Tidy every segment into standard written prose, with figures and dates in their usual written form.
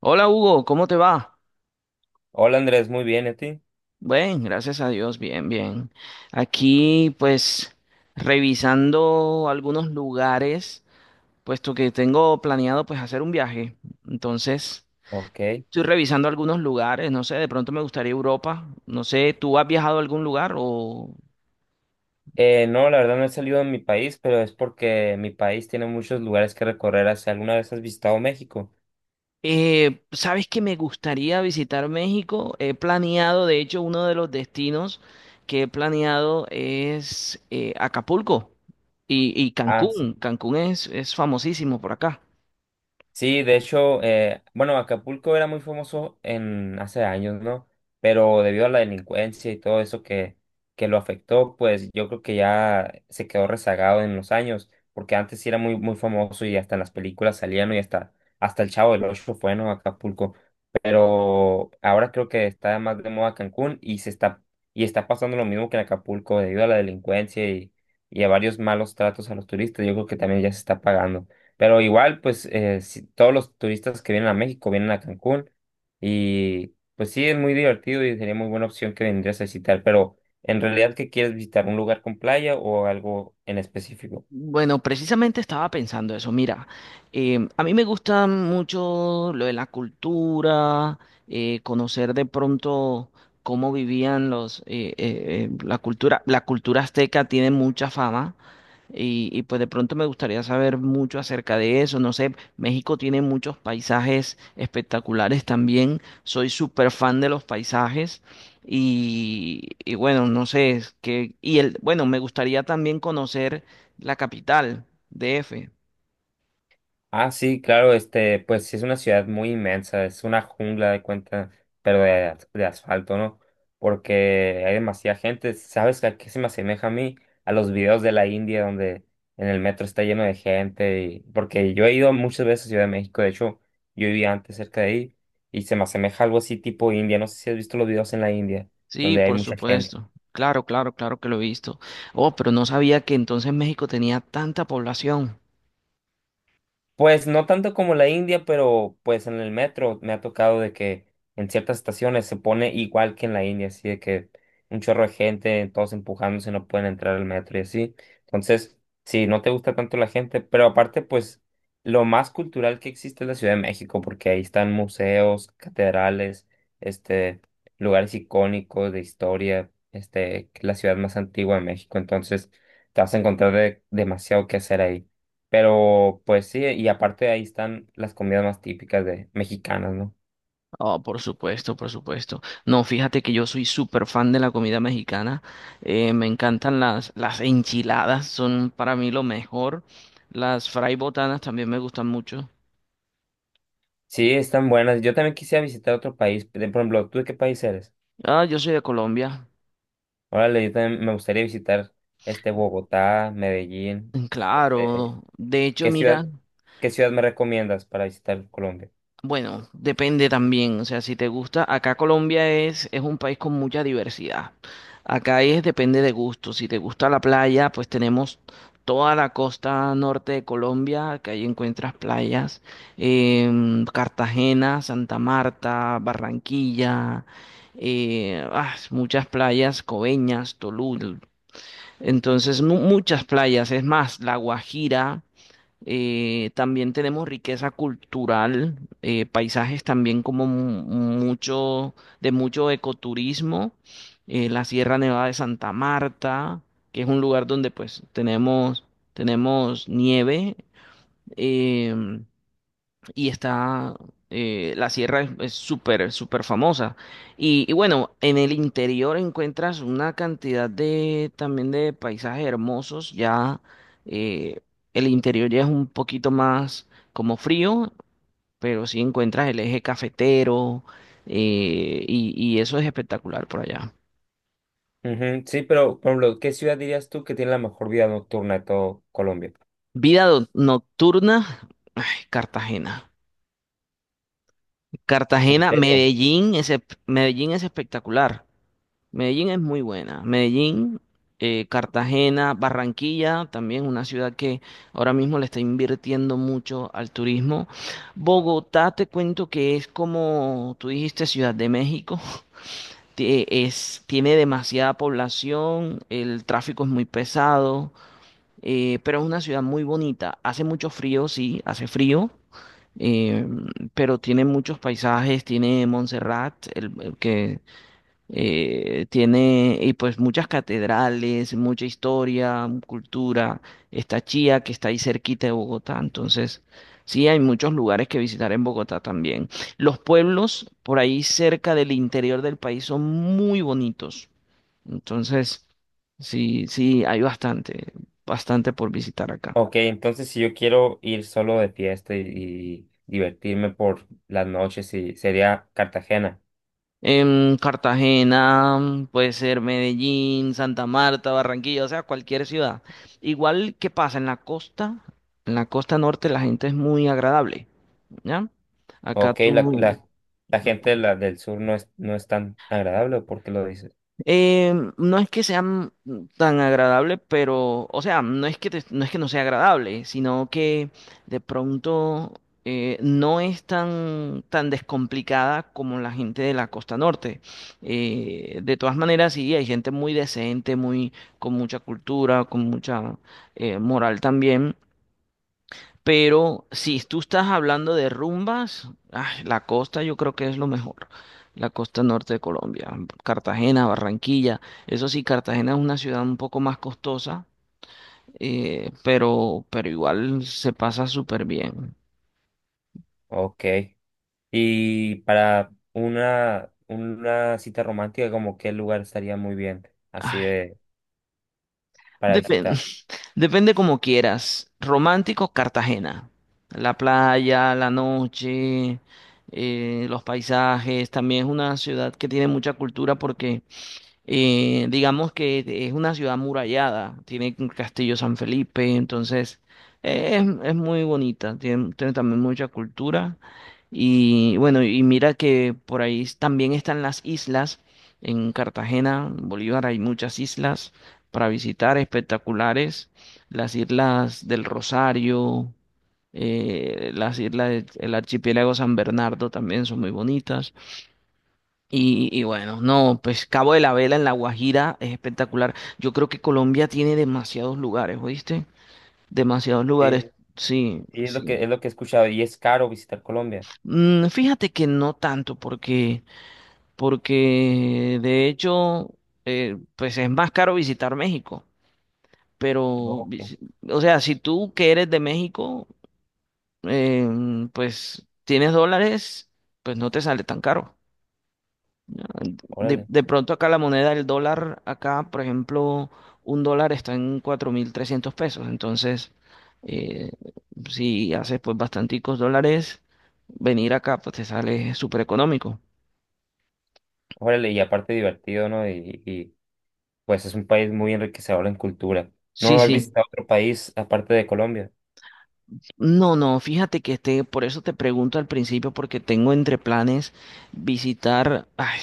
Hola Hugo, ¿cómo te va? Hola Andrés, muy bien, ¿y a ti? Bien, gracias a Dios, bien, bien. Aquí pues revisando algunos lugares, puesto que tengo planeado pues hacer un viaje. Entonces, Ok. estoy revisando algunos lugares, no sé, de pronto me gustaría Europa. No sé, ¿tú has viajado a algún lugar o? No, la verdad no he salido de mi país, pero es porque mi país tiene muchos lugares que recorrer. ¿Hacia alguna vez has visitado México? Sabes que me gustaría visitar México. He planeado, de hecho, uno de los destinos que he planeado es Acapulco y Ah, sí. Cancún. Cancún es famosísimo por acá. Sí, de hecho, bueno, Acapulco era muy famoso en hace años, ¿no? Pero debido a la delincuencia y todo eso que lo afectó, pues yo creo que ya se quedó rezagado en los años, porque antes sí era muy, muy famoso y hasta en las películas salían, ¿no? Y hasta, hasta el Chavo del Ocho fue, ¿no?, Acapulco. Pero ahora creo que está más de moda Cancún y se y está pasando lo mismo que en Acapulco debido a la delincuencia y a varios malos tratos a los turistas, yo creo que también ya se está pagando. Pero igual, pues todos los turistas que vienen a México vienen a Cancún y pues sí, es muy divertido y sería muy buena opción que vendrías a visitar, pero en realidad, ¿qué quieres visitar? ¿Un lugar con playa o algo en específico? Bueno, precisamente estaba pensando eso. Mira, a mí me gusta mucho lo de la cultura, conocer de pronto cómo vivían la cultura. La cultura azteca tiene mucha fama. Pues de pronto me gustaría saber mucho acerca de eso. No sé, México tiene muchos paisajes espectaculares también. Soy súper fan de los paisajes. Y bueno, no sé, es que, y el, bueno, me gustaría también conocer la capital, DF. Ah, sí, claro, este, pues sí es una ciudad muy inmensa, es una jungla de cuenta, pero de asfalto, ¿no? Porque hay demasiada gente. ¿Sabes a qué se me asemeja a mí? A los videos de la India donde en el metro está lleno de gente. Porque yo he ido muchas veces a Ciudad de México, de hecho, yo vivía antes cerca de ahí y se me asemeja a algo así tipo India. No sé si has visto los videos en la India, Sí, donde hay por mucha gente. supuesto. Claro, claro, claro que lo he visto. Oh, pero no sabía que entonces México tenía tanta población. Pues no tanto como la India, pero pues en el metro me ha tocado de que en ciertas estaciones se pone igual que en la India, así de que un chorro de gente, todos empujándose, no pueden entrar al metro y así. Entonces, sí, no te gusta tanto la gente, pero aparte, pues lo más cultural que existe es la Ciudad de México, porque ahí están museos, catedrales, este, lugares icónicos de historia, este, que es la ciudad más antigua de México, entonces te vas a encontrar demasiado que hacer ahí. Pero pues sí, y aparte ahí están las comidas más típicas de mexicanas, ¿no? Oh, por supuesto, por supuesto. No, fíjate que yo soy súper fan de la comida mexicana. Me encantan las enchiladas, son para mí lo mejor. Las fray botanas también me gustan mucho. Sí, están buenas. Yo también quisiera visitar otro país. Por ejemplo, ¿tú de qué país eres? Ah, yo soy de Colombia. Órale, yo también me gustaría visitar este Bogotá, Medellín. Este, Claro. De hecho, ¿qué mira. ciudad, ¿qué ciudad me recomiendas para visitar Colombia? Bueno, depende también, o sea, si te gusta, acá Colombia es un país con mucha diversidad. Acá es depende de gusto. Si te gusta la playa, pues tenemos toda la costa norte de Colombia, que ahí encuentras playas, Cartagena, Santa Marta, Barranquilla, muchas playas, Coveñas, Tolú, entonces muchas playas, es más, La Guajira. También tenemos riqueza cultural, paisajes también como mucho, de mucho ecoturismo, la Sierra Nevada de Santa Marta, que es un lugar donde pues tenemos nieve, em, y está la sierra es súper súper famosa y bueno, en el interior encuentras una cantidad de también de paisajes hermosos ya. eh, el interior ya es un poquito más como frío, pero sí encuentras el eje cafetero. Y eso es espectacular por allá. Ujú. Sí, pero por ejemplo, ¿qué ciudad dirías tú que tiene la mejor vida nocturna de todo Colombia? Vida nocturna. Ay, Cartagena ¿En Cartagena, serio? Medellín. Ese Medellín es espectacular. Medellín es muy buena. Medellín, Cartagena, Barranquilla, también una ciudad que ahora mismo le está invirtiendo mucho al turismo. Bogotá, te cuento que es como tú dijiste, Ciudad de México. Tiene demasiada población, el tráfico es muy pesado, pero es una ciudad muy bonita. Hace mucho frío, sí, hace frío. eh, pero tiene muchos paisajes, tiene Montserrat, el que tiene y pues muchas catedrales, mucha historia, cultura. Está Chía, que está ahí cerquita de Bogotá. Entonces, sí, hay muchos lugares que visitar en Bogotá también. Los pueblos por ahí cerca del interior del país son muy bonitos. Entonces, sí, sí, hay bastante, bastante por visitar acá. Ok, entonces si yo quiero ir solo de fiesta y divertirme por las noches, sí, sería Cartagena. Cartagena, puede ser Medellín, Santa Marta, Barranquilla, o sea, cualquier ciudad. Igual, ¿qué pasa? En la costa norte la gente es muy agradable, ¿ya? Acá Ok, tú, la gente de la del sur no es tan agradable, ¿por qué lo dices? No es que sean tan agradables, pero, o sea, no es que no sea agradable, sino que de pronto no es tan, tan descomplicada como la gente de la costa norte. De todas maneras, sí, hay gente muy decente, muy, con mucha cultura, con mucha moral también. Pero si tú estás hablando de rumbas, ay, la costa yo creo que es lo mejor. La costa norte de Colombia, Cartagena, Barranquilla. Eso sí, Cartagena es una ciudad un poco más costosa, pero igual se pasa súper bien. Ok. Y para una cita romántica, como qué lugar estaría muy bien, así Ay, de, para depende, visitar. depende como quieras. Romántico, Cartagena. La playa, la noche, los paisajes. También es una ciudad que tiene mucha cultura porque, digamos que es una ciudad murallada, tiene un castillo San Felipe. Entonces, es muy bonita, tiene también mucha cultura. Y bueno, y mira que por ahí también están las islas, en Cartagena, en Bolívar hay muchas islas para visitar, espectaculares, las islas del Rosario, las islas del archipiélago San Bernardo también son muy bonitas. Y bueno, no, pues Cabo de la Vela en La Guajira es espectacular. Yo creo que Colombia tiene demasiados lugares, ¿oíste? Demasiados Sí, lugares, sí, y es sí. Es lo que he escuchado, y es caro visitar Colombia. Mm, fíjate que no tanto, porque de hecho, pues es más caro visitar México. Pero, Ok, o sea, si tú que eres de México, eh, pues tienes dólares, pues no te sale tan caro. De, órale, de pronto acá la moneda, el dólar, acá, por ejemplo, un dólar está en 4.300 pesos. Entonces, eh, si haces pues bastanticos dólares, venir acá pues te sale súper económico. Y aparte divertido, ¿no? Y pues es un país muy enriquecedor en cultura. Sí, ¿No has sí. visitado otro país aparte de Colombia? No, no, fíjate que este, por eso te pregunto al principio, porque tengo entre planes visitar, ay,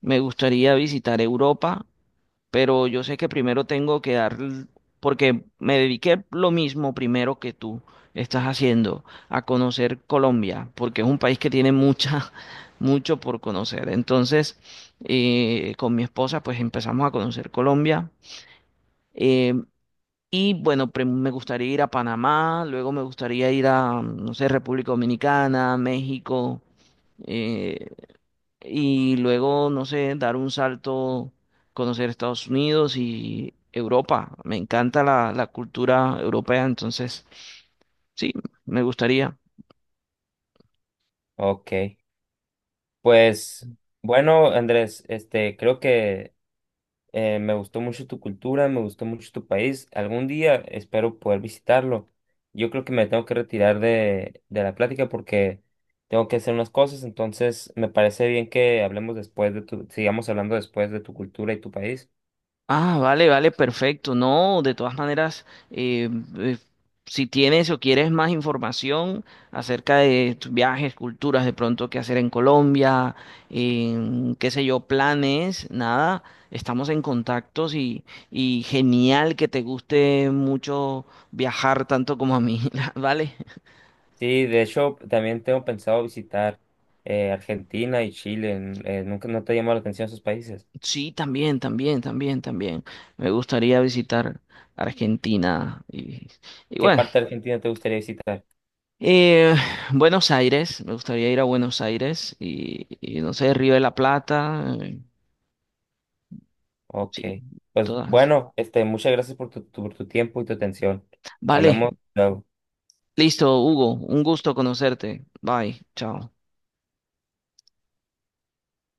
me gustaría visitar Europa, pero yo sé que primero tengo que dar, porque me dediqué lo mismo primero que tú estás haciendo, a conocer Colombia, porque es un país que tiene mucha, mucho por conocer. Entonces, con mi esposa, pues empezamos a conocer Colombia. eh, y bueno, me gustaría ir a Panamá, luego me gustaría ir a, no sé, República Dominicana, México. eh, y luego, no sé, dar un salto, conocer Estados Unidos y Europa. Me encanta la cultura europea, entonces sí, me gustaría. Ok. Pues bueno, Andrés, este, creo que me gustó mucho tu cultura, me gustó mucho tu país. Algún día espero poder visitarlo. Yo creo que me tengo que retirar de la plática porque tengo que hacer unas cosas, entonces me parece bien que hablemos después de tu, sigamos hablando después de tu cultura y tu país. Ah, vale, vale, perfecto. No, de todas maneras, eh, si tienes o quieres más información acerca de tus viajes, culturas, de pronto qué hacer en Colombia, en, qué sé yo, planes, nada, estamos en contactos y genial que te guste mucho viajar tanto como a mí, ¿vale? Sí, de hecho, también tengo pensado visitar Argentina y Chile. Nunca no te llamó la atención esos países. Sí, también, también, también, también. Me gustaría visitar Argentina y ¿Qué bueno. parte de Argentina te gustaría visitar? Eh, Buenos Aires, me gustaría ir a Buenos Aires y no sé, Río de la Plata, Ok. sí, Pues todas. bueno, este, muchas gracias por tu, por tu tiempo y tu atención. Vale, Hablamos luego. listo, Hugo, un gusto conocerte. Bye, chao.